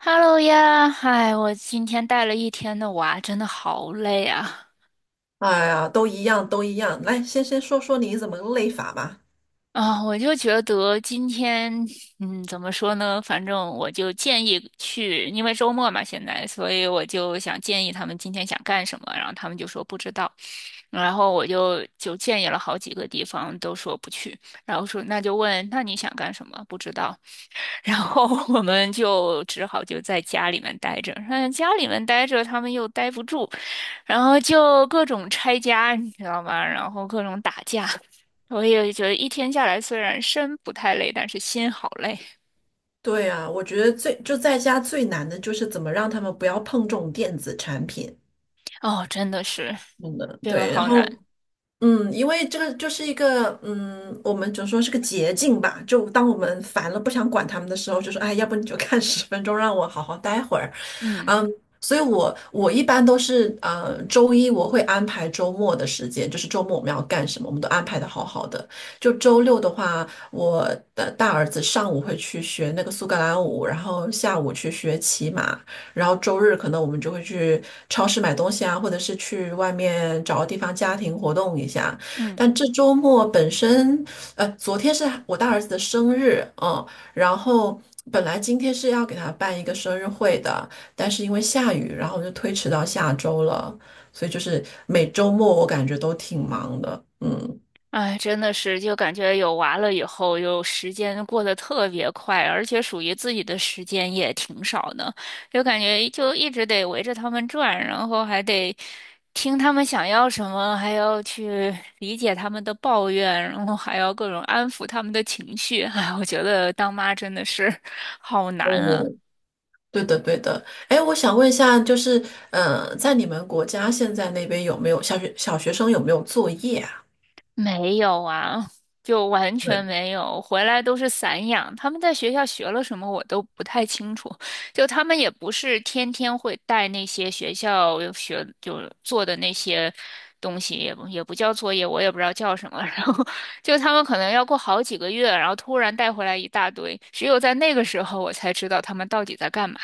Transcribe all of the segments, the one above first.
Hello 呀，嗨，我今天带了一天的娃，真的好累啊！哎呀，都一样，都一样。来，先说说你怎么个累法吧。啊，我就觉得今天，怎么说呢？反正我就建议去，因为周末嘛，现在，所以我就想建议他们今天想干什么，然后他们就说不知道，然后我就建议了好几个地方，都说不去，然后说那就问，那你想干什么？不知道，然后 我们就只好就在家里面待着，家里面待着，他们又待不住。然后就各种拆家，你知道吗？然后各种打架。我也觉得一天下来，虽然身不太累，但是心好累。对呀，我觉得最就在家最难的就是怎么让他们不要碰这种电子产品。哦，真的是，真的，这个对。然好后，难。因为这个就是一个，我们只能说是个捷径吧。就当我们烦了不想管他们的时候，就说，哎，要不你就看10分钟，让我好好待会儿。嗯嗯，所以我一般都是周一我会安排周末的时间，就是周末我们要干什么，我们都安排的好好的。就周六的话，我的大儿子上午会去学那个苏格兰舞，然后下午去学骑马，然后周日可能我们就会去超市买东西啊，或者是去外面找个地方家庭活动一下。嗯。但这周末本身，昨天是我大儿子的生日，然后本来今天是要给他办一个生日会的。但是因为下雨，然后就推迟到下周了，所以就是每周末我感觉都挺忙的。哎，真的是，就感觉有娃了以后，有时间过得特别快，而且属于自己的时间也挺少的，就感觉就一直得围着他们转，然后还得听他们想要什么，还要去理解他们的抱怨，然后还要各种安抚他们的情绪。哎，我觉得当妈真的是 好难啊。哦，对的，对的。哎，我想问一下，就是，在你们国家现在那边有没有小学小学生有没有作业啊？没有啊，就完全对，没有，回来都是散养。他们在学校学了什么，我都不太清楚。就他们也不是天天会带那些学校学就做的那些东西，也不叫作业，我也不知道叫什么。然后就他们可能要过好几个月，然后突然带回来一大堆，只有在那个时候我才知道他们到底在干嘛。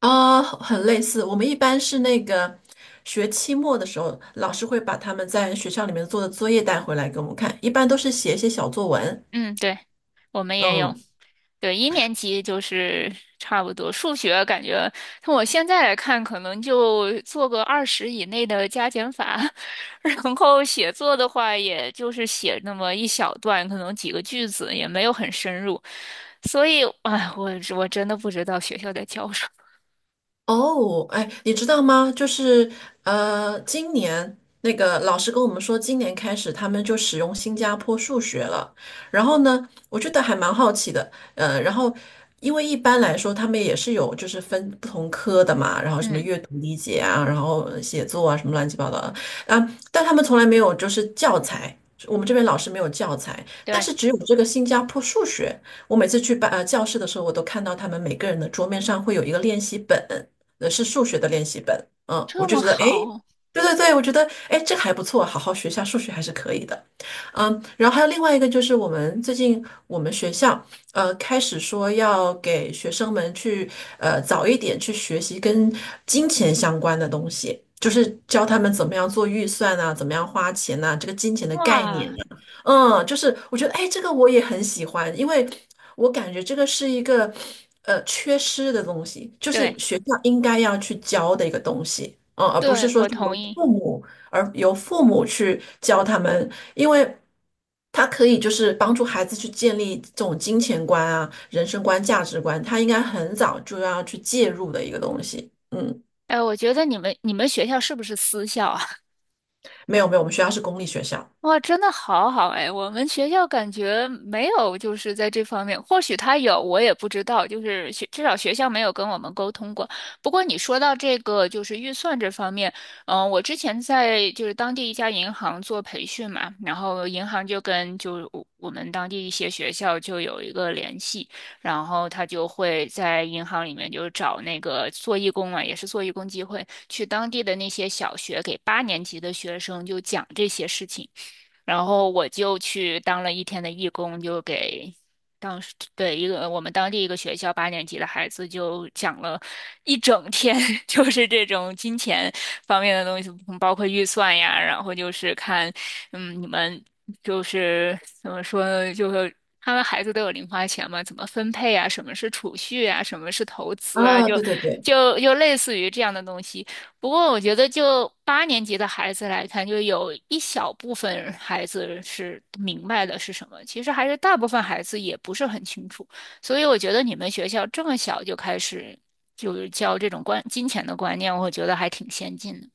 啊，很类似。我们一般是那个学期末的时候，老师会把他们在学校里面做的作业带回来给我们看，一般都是写一些小作文。嗯，对，我们也有。嗯，对，一年级就是差不多。数学感觉，从我现在来看，可能就做个二十以内的加减法，然后写作的话，也就是写那么一小段，可能几个句子，也没有很深入。所以，哎，我真的不知道学校在教什么。哦，哎，你知道吗？就是今年那个老师跟我们说，今年开始他们就使用新加坡数学了。然后呢，我觉得还蛮好奇的。然后因为一般来说他们也是有就是分不同科的嘛，然后什么嗯，阅读理解啊，然后写作啊，什么乱七八糟的啊，但他们从来没有就是教材。我们这边老师没有教材，但对，是只有这个新加坡数学。我每次去教室的时候，我都看到他们每个人的桌面上会有一个练习本。是数学的练习本。嗯，我这就么觉得，哎，诶，好，对对对，我觉得，诶，这个还不错，好好学一下数学还是可以的。然后还有另外一个就是我们最近我们学校开始说要给学生们去早一点去学习跟金钱相关的东西，就是教他们怎么样做预算啊，怎么样花钱呐、这个金钱的概念哇，啊就是我觉得，哎，这个我也很喜欢，因为我感觉这个是一个缺失的东西，就对是学校应该要去教的一个东西，而不是对，说我是同由意。父母去教他们，因为他可以就是帮助孩子去建立这种金钱观啊、人生观、价值观，他应该很早就要去介入的一个东西。嗯，哎，我觉得你们学校是不是私校啊？没有没有，我们学校是公立学校哇，真的好好哎！我们学校感觉没有，就是在这方面，或许他有，我也不知道。就是学，至少学校没有跟我们沟通过。不过你说到这个，就是预算这方面，我之前在就是当地一家银行做培训嘛，然后银行就跟我们当地一些学校就有一个联系，然后他就会在银行里面就找那个做义工嘛，也是做义工机会，去当地的那些小学给八年级的学生就讲这些事情。然后我就去当了一天的义工，就给当时对一个我们当地一个学校八年级的孩子就讲了一整天，就是这种金钱方面的东西，包括预算呀，然后就是看，你们就是怎么说呢，就是他们孩子都有零花钱嘛，怎么分配啊？什么是储蓄啊？什么是投资啊？啊，就对对对。就就类似于这样的东西。不过我觉得，就八年级的孩子来看，就有一小部分孩子是明白的是什么，其实还是大部分孩子也不是很清楚。所以我觉得你们学校这么小就开始就是教这种观金钱的观念，我觉得还挺先进的。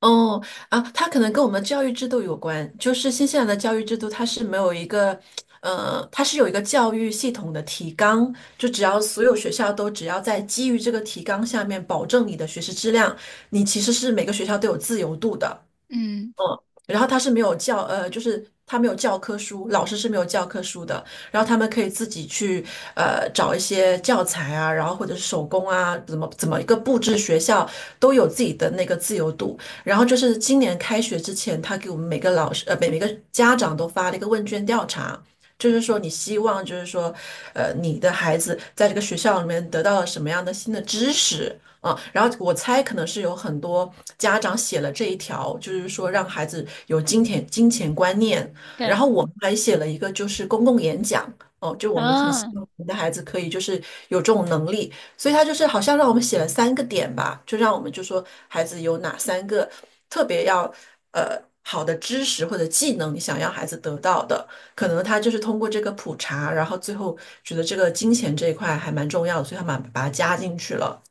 哦，啊，它可能跟我们教育制度有关。就是新西兰的教育制度，它是没有一个，它是有一个教育系统的提纲，就只要所有学校都只要在基于这个提纲下面保证你的学习质量，你其实是每个学校都有自由度的。嗯，嗯，然后他是没有教，就是他没有教科书，老师是没有教科书的，然后他们可以自己去找一些教材啊，然后或者是手工啊，怎么一个布置学校都有自己的那个自由度。然后就是今年开学之前，他给我们每个老师每个家长都发了一个问卷调查。就是说，你希望，就是说，你的孩子在这个学校里面得到了什么样的新的知识，啊，然后我猜可能是有很多家长写了这一条，就是说让孩子有金钱观念。对，然后我们还写了一个就是公共演讲，哦，就我们很希啊。望我们的孩子可以就是有这种能力，所以他就是好像让我们写了三个点吧，就让我们就说孩子有哪三个特别要好的知识或者技能，你想要孩子得到的，可能他就是通过这个普查，然后最后觉得这个金钱这一块还蛮重要的，所以他把它加进去了。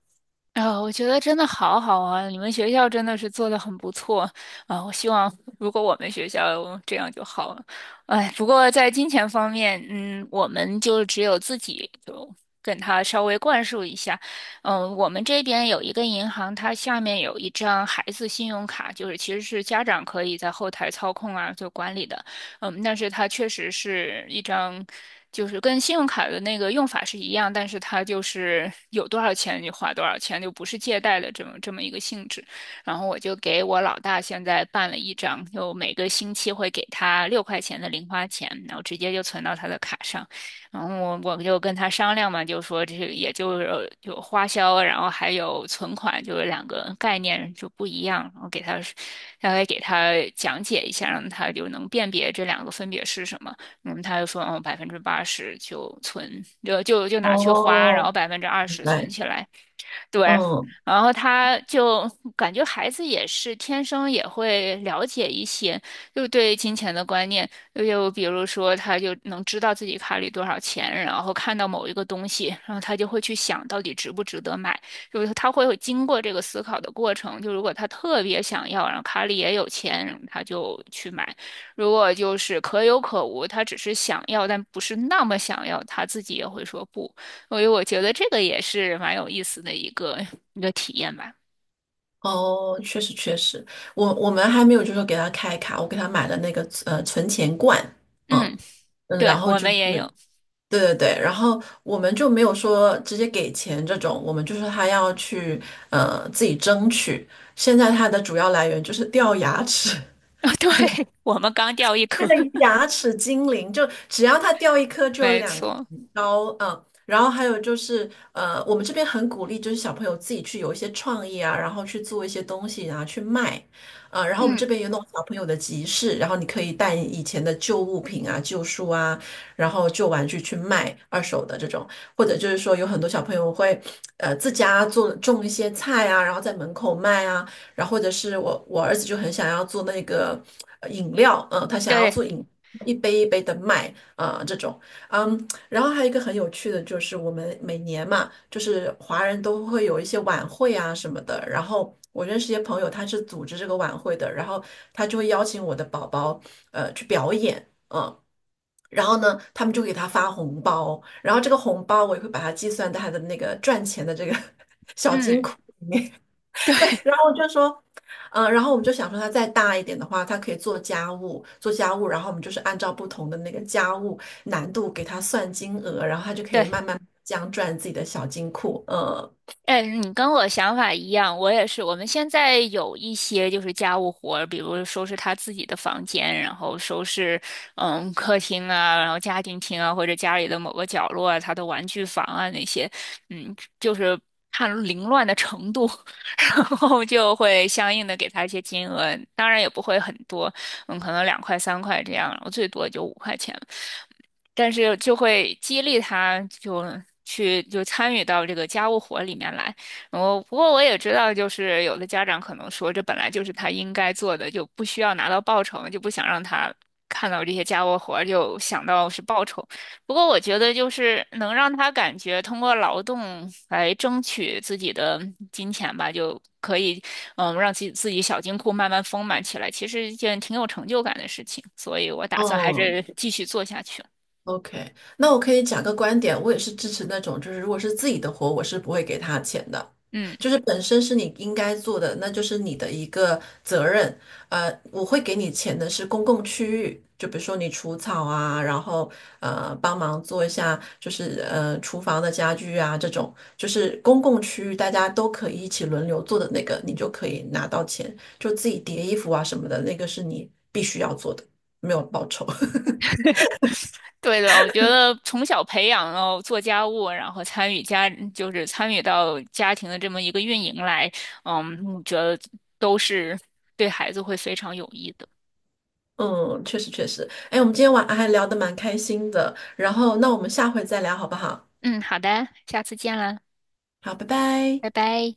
啊、我觉得真的好好啊！你们学校真的是做的很不错啊！我希望如果我们学校这样就好了。哎，不过在金钱方面，我们就只有自己就跟他稍微灌输一下。我们这边有一个银行，它下面有一张孩子信用卡，就是其实是家长可以在后台操控啊，就管理的。但是它确实是一张，就是跟信用卡的那个用法是一样，但是它就是有多少钱你就花多少钱，就不是借贷的这么一个性质。然后我就给我老大现在办了一张，就每个星期会给他6块钱的零花钱，然后直接就存到他的卡上。然后我就跟他商量嘛，就说这也就是有花销，然后还有存款，就是两个概念就不一样。然后大概给他讲解一下，让他就能辨别这两个分别是什么。他就说，80%就存，就拿去花，然后哦，百分之二明十存白，起来。对，嗯，然后他就感觉孩子也是天生也会了解一些，就对金钱的观念，就比如说他就能知道自己卡里多少钱，然后看到某一个东西，然后他就会去想到底值不值得买，就是他会有经过这个思考的过程。就如果他特别想要，然后卡里也有钱，他就去买；如果就是可有可无，他只是想要但不是那么想要，他自己也会说不。所以我觉得这个也是蛮有意思的一个体验吧。哦，确实确实，我们还没有就是说给他开卡，我给他买了那个存钱罐，嗯嗯，嗯，对，然后我就们是也对有，对对，然后我们就没有说直接给钱这种，我们就是他要去自己争取。现在他的主要来源就是掉牙齿，哦，对，我们刚掉一这颗，个 牙齿精灵，就只要它掉一颗就有没两错。刀，然后还有就是，我们这边很鼓励，就是小朋友自己去有一些创意啊，然后去做一些东西然后去卖，啊，然后我们嗯，这边有那种小朋友的集市，然后你可以带以前的旧物品啊、旧书啊，然后旧玩具去卖二手的这种，或者就是说有很多小朋友会，自家做种一些菜啊，然后在门口卖啊。然后或者是我我儿子就很想要做那个饮料，嗯、他想要对，一杯一杯的卖，啊、这种，然后还有一个很有趣的就是我们每年嘛，就是华人都会有一些晚会啊什么的，然后。我认识一些朋友，他是组织这个晚会的，然后他就会邀请我的宝宝，去表演，嗯，然后呢，他们就给他发红包，然后这个红包我也会把它计算在他的那个赚钱的这个 小金嗯，库对，对，然后我就说，然后我们就想说，他再大一点的话，他可以做家务，做家务，然后我们就是按照不同的那个家务难度给他算金额，然后他就可以慢对，慢这样赚自己的小金库。嗯哎，你跟我想法一样，我也是。我们现在有一些就是家务活儿比如收拾他自己的房间，然后收拾客厅啊，然后家庭厅啊，或者家里的某个角落啊，他的玩具房啊那些，就是看凌乱的程度，然后就会相应的给他一些金额，当然也不会很多，可能2块3块这样，然后最多也就5块钱。但是就会激励他就去就参与到这个家务活里面来。然后，不过我也知道，就是有的家长可能说，这本来就是他应该做的，就不需要拿到报酬，就不想让他看到这些家务活，就想到是报酬。不过我觉得，就是能让他感觉通过劳动来争取自己的金钱吧，就可以让自己小金库慢慢丰满起来，其实是一件挺有成就感的事情。所以我打算还嗯，是继续做下去。OK，那我可以讲个观点，我也是支持那种，就是如果是自己的活，我是不会给他钱的，嗯，就是本身是你应该做的，那就是你的一个责任。我会给你钱的是公共区域，就比如说你除草啊，然后帮忙做一下，就是厨房的家具啊这种，就是公共区域大家都可以一起轮流做的那个，你就可以拿到钱。就自己叠衣服啊什么的，那个是你必须要做的，没有报酬。对的，我觉得从小培养，哦做家务，然后参与家，就是参与到家庭的这么一个运营来，我觉得都是对孩子会非常有益的。嗯，确实确实。哎，我们今天晚还聊得蛮开心的，然后那我们下回再聊好不好？嗯，好的，下次见了，好，拜拜。拜拜。